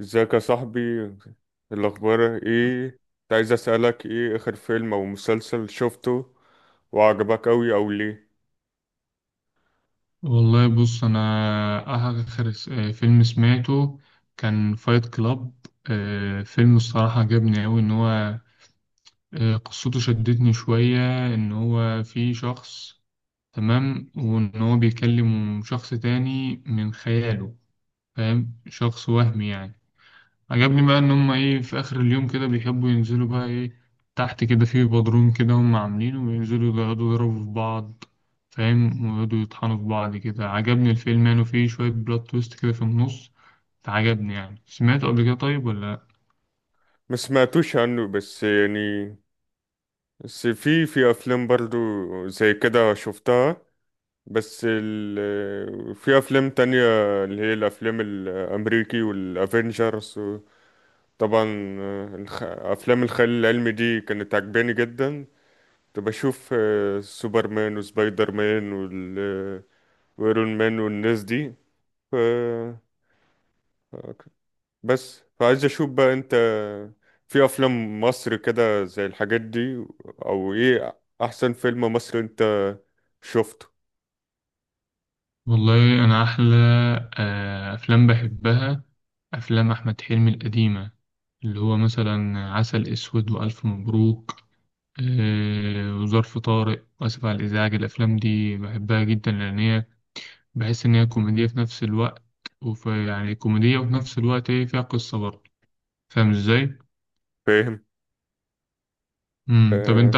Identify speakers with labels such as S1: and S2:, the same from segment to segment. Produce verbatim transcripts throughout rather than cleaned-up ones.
S1: ازيك يا صاحبي؟ الاخبار ايه؟ كنت عايز اسالك، ايه اخر فيلم او مسلسل شفته وعجبك اوي؟ او ليه
S2: والله بص انا اخر س- آه، فيلم سمعته كان فايت كلاب. آه، فيلم الصراحة عجبني أوي ان هو، آه، قصته شدتني شوية. ان هو في شخص، تمام، وان هو بيكلم شخص تاني من خياله، فاهم، شخص وهمي يعني. عجبني بقى ان هم ايه، في اخر اليوم كده بيحبوا ينزلوا بقى ايه تحت كده في بدروم كده هم عاملينه، وينزلوا يقعدوا يضربوا في بعض، فاهم، ويقعدوا يطحنوا في بعض كده. عجبني الفيلم يعني، وفيه شوية بلوت تويست كده في النص، فعجبني يعني. سمعته قبل كده طيب ولا لأ؟
S1: ما سمعتوش عنه؟ بس يعني بس في في افلام برضو زي كده شفتها. بس ال... في افلام تانية اللي هي الافلام الامريكي والافينجرز. طبعا الخ... افلام الخيال العلمي دي كانت عجباني جدا. كنت بشوف آه، سوبرمان وسبايدر مان وايرون مان والناس دي. ف... بس فعايز اشوف بقى انت في افلام مصر كده زي الحاجات دي، او ايه احسن فيلم مصري انت شفته؟
S2: والله انا احلى آه، افلام بحبها افلام احمد حلمي القديمة، اللي هو مثلا عسل اسود والف مبروك، آه، وظرف طارق واسف على الازعاج. الافلام دي بحبها جدا لان هي، بحيث إن هي كوميدية في نفس الوقت، وفي يعني كوميدية وفي نفس الوقت إيه، فيها قصة برضه. فاهم إزاي؟
S1: فاهم. ف...
S2: مم. طب أنت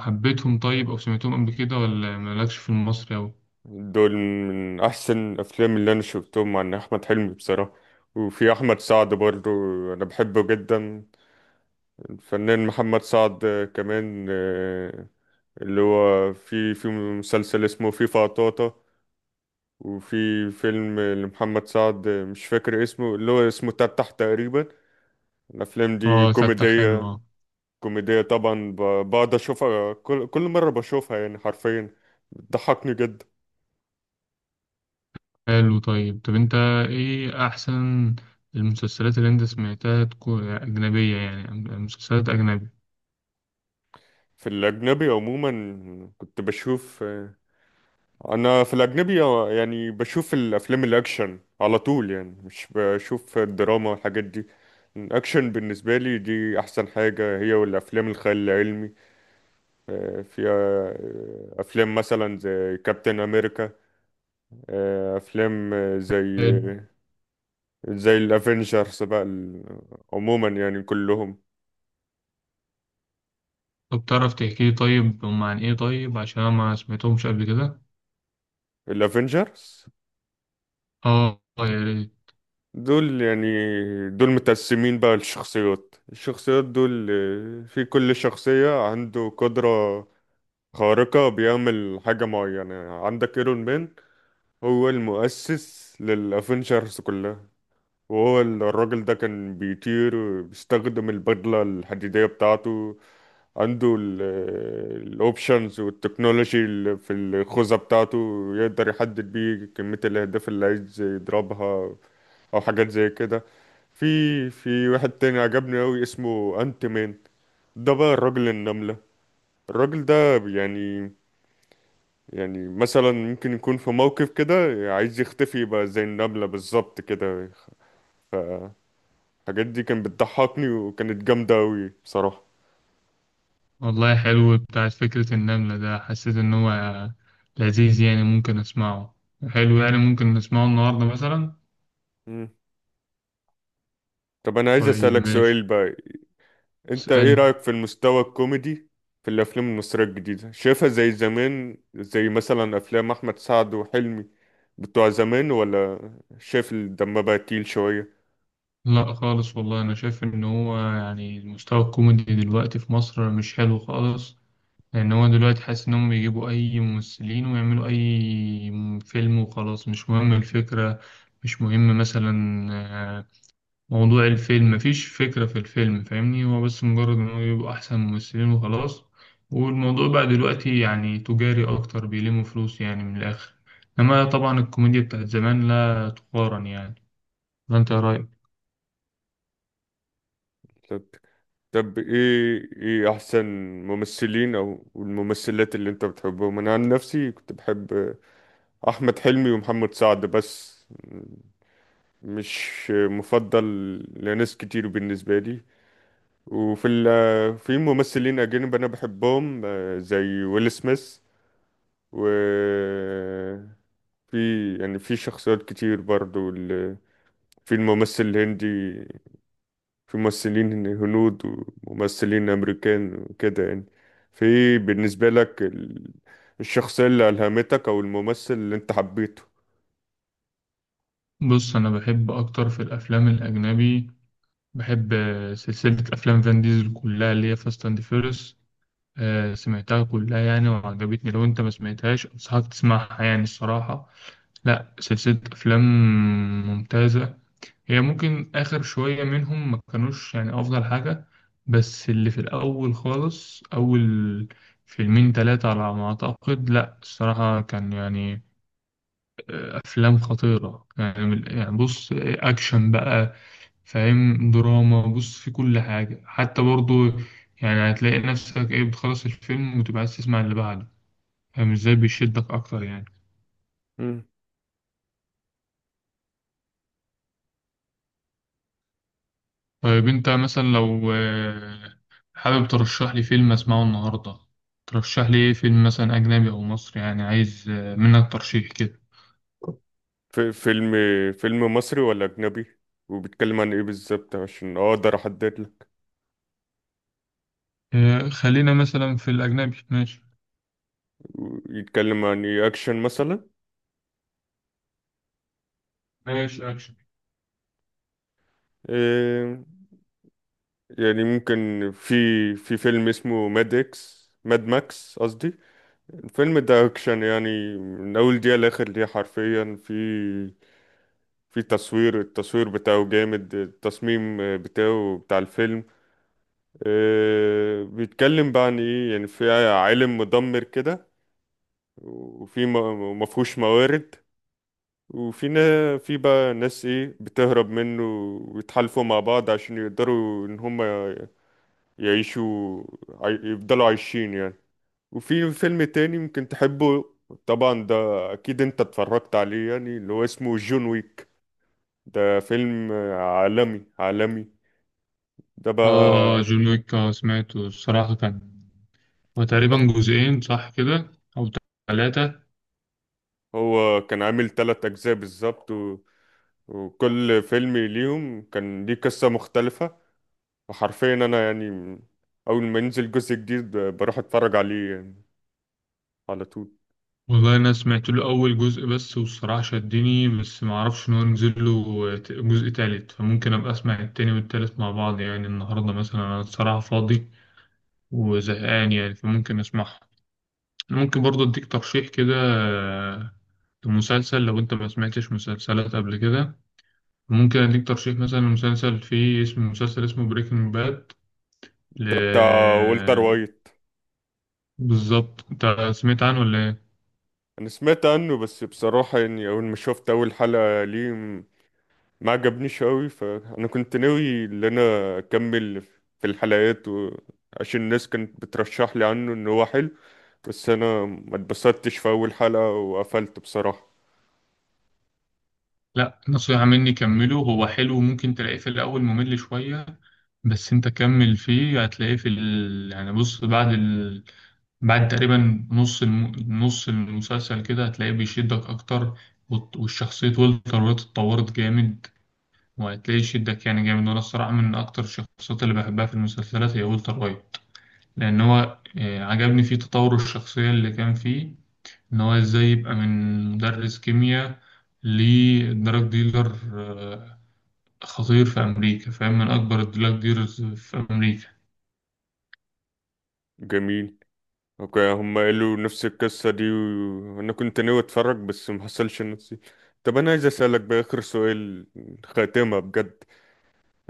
S2: حبيتهم طيب أو سمعتهم قبل كده ولا مالكش في المصري أوي؟
S1: دول من احسن الافلام اللي انا شفتهم عن احمد حلمي بصراحة. وفي احمد سعد برضو، انا بحبه جدا. الفنان محمد سعد كمان، آه، اللي هو في في مسلسل اسمه فيفا طاطا. وفي فيلم لمحمد سعد مش فاكر اسمه، اللي هو اسمه تفتح تقريبا. الأفلام دي
S2: آه، ستة حلو،
S1: كوميدية،
S2: آه
S1: كوميدية طبعا. ب- بقعد أشوفها كل, كل مرة بشوفها يعني حرفيا بتضحكني جدا.
S2: حلو. طيب طب أنت إيه أحسن المسلسلات اللي أنت سمعتها، تكون أجنبية يعني، مسلسلات أجنبي.
S1: في الأجنبي عموما كنت بشوف، أنا في الأجنبي يعني بشوف الأفلام الأكشن على طول، يعني مش بشوف الدراما والحاجات دي. الأكشن بالنسبة لي دي أحسن حاجة، هي والأفلام الخيال العلمي. في آه، افلام مثلا زي كابتن امريكا، افلام آه، زي
S2: حلو.
S1: زي الافينجرز بقى ال- عموما يعني كلهم.
S2: طب تعرف تحكي لي طيب هم عن إيه، طيب عشان أنا ما سمعتهمش قبل كده؟
S1: الافينجرز
S2: آه يا ريت.
S1: دول يعني، دول متقسمين بقى. الشخصيات، الشخصيات دول، آه، في كل شخصية عنده قدرة خارقة، بيعمل حاجة معينة. عندك ايرون مان، هو المؤسس للافينجرز كلها، وهو ال- الراجل ده كان بيطير، بيستخدم البدلة الحديدية بتاعته، عنده الاوبشنز والتكنولوجي اللي في الخوذة بتاعته، يقدر يحدد بيه كمية الأهداف اللي عايز يضربها، أو حاجات زي كده. في في واحد تاني عجبني أوي اسمه أنت مان. ده بقى الراجل النملة. الراجل ده يعني، يعني مثلا ممكن يكون في موقف كده عايز يختفي، يبقى زي النملة بالظبط كده. الحاجات دي كانت بتضحكني وكانت جامدة أوي بصراحة.
S2: والله حلو بتاع فكرة النملة ده، حسيت إن هو لذيذ يعني، ممكن أسمعه، حلو يعني، ممكن نسمعه النهاردة مثلا.
S1: مم. طب أنا عايز
S2: طيب
S1: أسألك سؤال
S2: ماشي،
S1: بقى، أنت إيه
S2: اسأل.
S1: رأيك في المستوى الكوميدي في الأفلام المصرية الجديدة؟ شايفها زي زمان، زي مثلا أفلام أحمد سعد وحلمي بتوع زمان، ولا شايف الدم بقى تقيل شوية؟
S2: لا خالص، والله أنا شايف إن هو يعني المستوى الكوميدي دلوقتي في مصر مش حلو خالص. لأن هو دلوقتي حاسس إنهم بيجيبوا أي ممثلين ويعملوا أي فيلم وخلاص، مش مهم الفكرة، مش مهم مثلا موضوع الفيلم، مفيش فكرة في الفيلم، فاهمني، هو بس مجرد إن هو يبقى أحسن ممثلين وخلاص. والموضوع بقى دلوقتي يعني تجاري أكتر، بيلموا فلوس يعني من الآخر. إنما طبعا الكوميديا بتاعت زمان لا تقارن يعني. ولا أنت إيه رأيك؟
S1: طب طب، إيه إيه أحسن ممثلين أو الممثلات اللي أنت بتحبهم؟ أنا عن نفسي كنت بحب أحمد حلمي ومحمد سعد بس، مش مفضل لناس كتير بالنسبة لي. وفي ال في ممثلين أجانب أنا بحبهم، آه، زي ويل سميث، و في يعني في شخصيات كتير برضو ال- في الممثل الهندي، في ممثلين هنود وممثلين أمريكان وكده يعني. في بالنسبة لك ال- الشخصية اللي ألهمتك أو الممثل اللي أنت حبيته؟
S2: بص أنا بحب أكتر في الأفلام الأجنبي، بحب آه، سلسلة أفلام فان ديزل كلها اللي هي فاست أند فيرس. سمعتها كلها يعني، وعجبتني. لو أنت ما سمعتهاش أنصحك تسمعها يعني الصراحة، لا سلسلة أفلام ممتازة. هي ممكن آخر شوية منهم ما كانوش يعني أفضل حاجة، بس اللي في الأول خالص، أول فيلمين تلاتة على ما أعتقد، لأ الصراحة كان يعني أفلام خطيرة يعني. من- يعني بص أكشن بقى، فاهم، دراما، بص في كل حاجة حتى برضو. يعني هتلاقي نفسك إيه، بتخلص الفيلم وتبقى عايز تسمع اللي بعده. فاهم إزاي، بيشدك أكتر يعني. طيب انت مثلا لو آه، حابب ترشح لي فيلم اسمعه النهارده، ترشح لي ايه؟ فيلم مثلا اجنبي او مصري، يعني عايز آه، منك ترشيح كده.
S1: في فيلم، فيلم مصري ولا أجنبي؟ وبيتكلم عن إيه بالظبط عشان أقدر أحدد لك؟
S2: آه، خلينا مثلا في الاجنبي، ماشي؟
S1: يتكلم عن إيه، أكشن مثلا؟
S2: ماشي اكشن.
S1: إيه يعني، ممكن في في فيلم اسمه ماد إكس، ماد ماكس قصدي. الفيلم ده أكشن يعني من أول دقيقة لآخر دقيقة حرفيا. في في تصوير، التصوير بتاعه جامد، التصميم بتاعه بتاع الفيلم إيه. بيتكلم بقى عن إيه يعني، في عالم مدمر كده وفي م- مفهوش موارد، وفي نا- في بقى ناس ايه بتهرب منه، ويتحالفوا مع بعض عشان يقدروا ان هم يعيشوا، عاي- يفضلوا عايشين يعني. وفي فيلم تاني ممكن تحبه، طبعا ده اكيد انت اتفرجت عليه، يعني اللي هو اسمه جون ويك. ده فيلم عالمي، عالمي ده
S2: اه،
S1: بقى.
S2: جون ويك، آه، سمعته الصراحه، كان هو
S1: ده
S2: تقريبا جزئين صح كده او ثلاثه.
S1: هو كان عامل تلات اجزاء بالظبط و... وكل فيلم ليهم كان ليه قصة مختلفة. وحرفيا انا يعني اول ما ينزل جزء جديد ب- بروح اتفرج عليه يعني على طول.
S2: والله انا سمعت له اول جزء بس، والصراحه شدني، بس ما اعرفش ان هو نزل له ت- جزء تالت. فممكن ابقى اسمع التاني والتالت مع بعض يعني النهارده مثلا، انا الصراحه فاضي وزهقان يعني، فممكن اسمعها. ممكن برضو اديك ترشيح كده آه، لمسلسل، لو انت ما سمعتش مسلسلات قبل كده، ممكن اديك ترشيح مثلا لمسلسل فيه اسم، مسلسل اسمه بريكنج باد، ل...
S1: ده بتاع والتر وايت.
S2: بالظبط. انت سمعت عنه ولا ايه؟
S1: انا سمعت عنه، بس بصراحة يعني اول ما شفت اول حلقة ليه م- ما عجبنيش قوي، فانا كنت ناوي ان انا اكمل في الحلقات و... عشان الناس كانت بترشح لي عنه ان هو حلو، بس انا ما اتبسطتش في اول حلقة وقفلت بصراحة.
S2: لا، نصيحة مني كمله، هو حلو، ممكن تلاقيه في الاول ممل شوية، بس انت كمل فيه، هتلاقيه في ال... يعني بص بعد بعد تقريبا نص الم... نص المسلسل كده هتلاقيه بيشدك أكتر. وت- والشخصية والتر وايت اتطورت جامد، وهتلاقيه يشدك يعني جامد. وأنا الصراحة من أكتر الشخصيات اللي بحبها في المسلسلات هي والتر وايت، لأن هو آه، عجبني فيه تطور الشخصية اللي كان فيه. إن هو إزاي يبقى من مدرس كيمياء لدراج ديلر آه، خطير في أمريكا، فاهم، من أكبر الدراج ديلرز في أمريكا.
S1: جميل. اوكي، هم قالوا نفس القصة دي وانا كنت ناوي اتفرج بس محصلش نفسي. طب انا عايز اسألك بقى اخر سؤال، خاتمة بجد،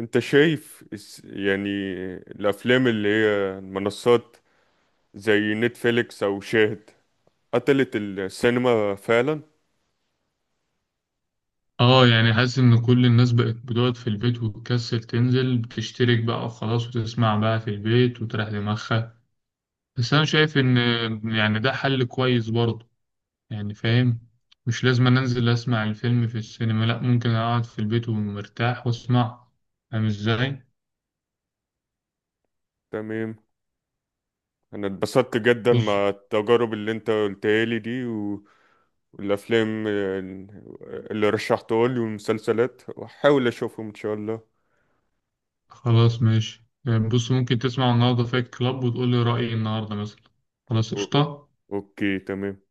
S1: انت شايف اس- يعني الافلام اللي هي منصات زي نتفليكس او شاهد قتلت السينما فعلا؟
S2: اه يعني حاسس ان كل الناس بقت بتقعد في البيت وتكسل تنزل، بتشترك بقى وخلاص وتسمع بقى في البيت وتريح دماغها. بس انا شايف ان يعني ده حل كويس برضه يعني. فاهم، مش لازم أنا انزل اسمع الفيلم في السينما، لا، ممكن اقعد في البيت ومرتاح واسمع. فاهم ازاي؟
S1: تمام. انا اتبسطت جدا
S2: بص،
S1: مع التجارب اللي انت قلتها لي دي، و... والافلام اللي رشحتها لي والمسلسلات، واحاول اشوفهم ان شاء الله.
S2: خلاص ماشي يعني، بص ممكن تسمع النهارده فايت كلاب وتقول لي رأيي النهارده مثلا. خلاص
S1: أو-
S2: قشطة.
S1: اوكي تمام.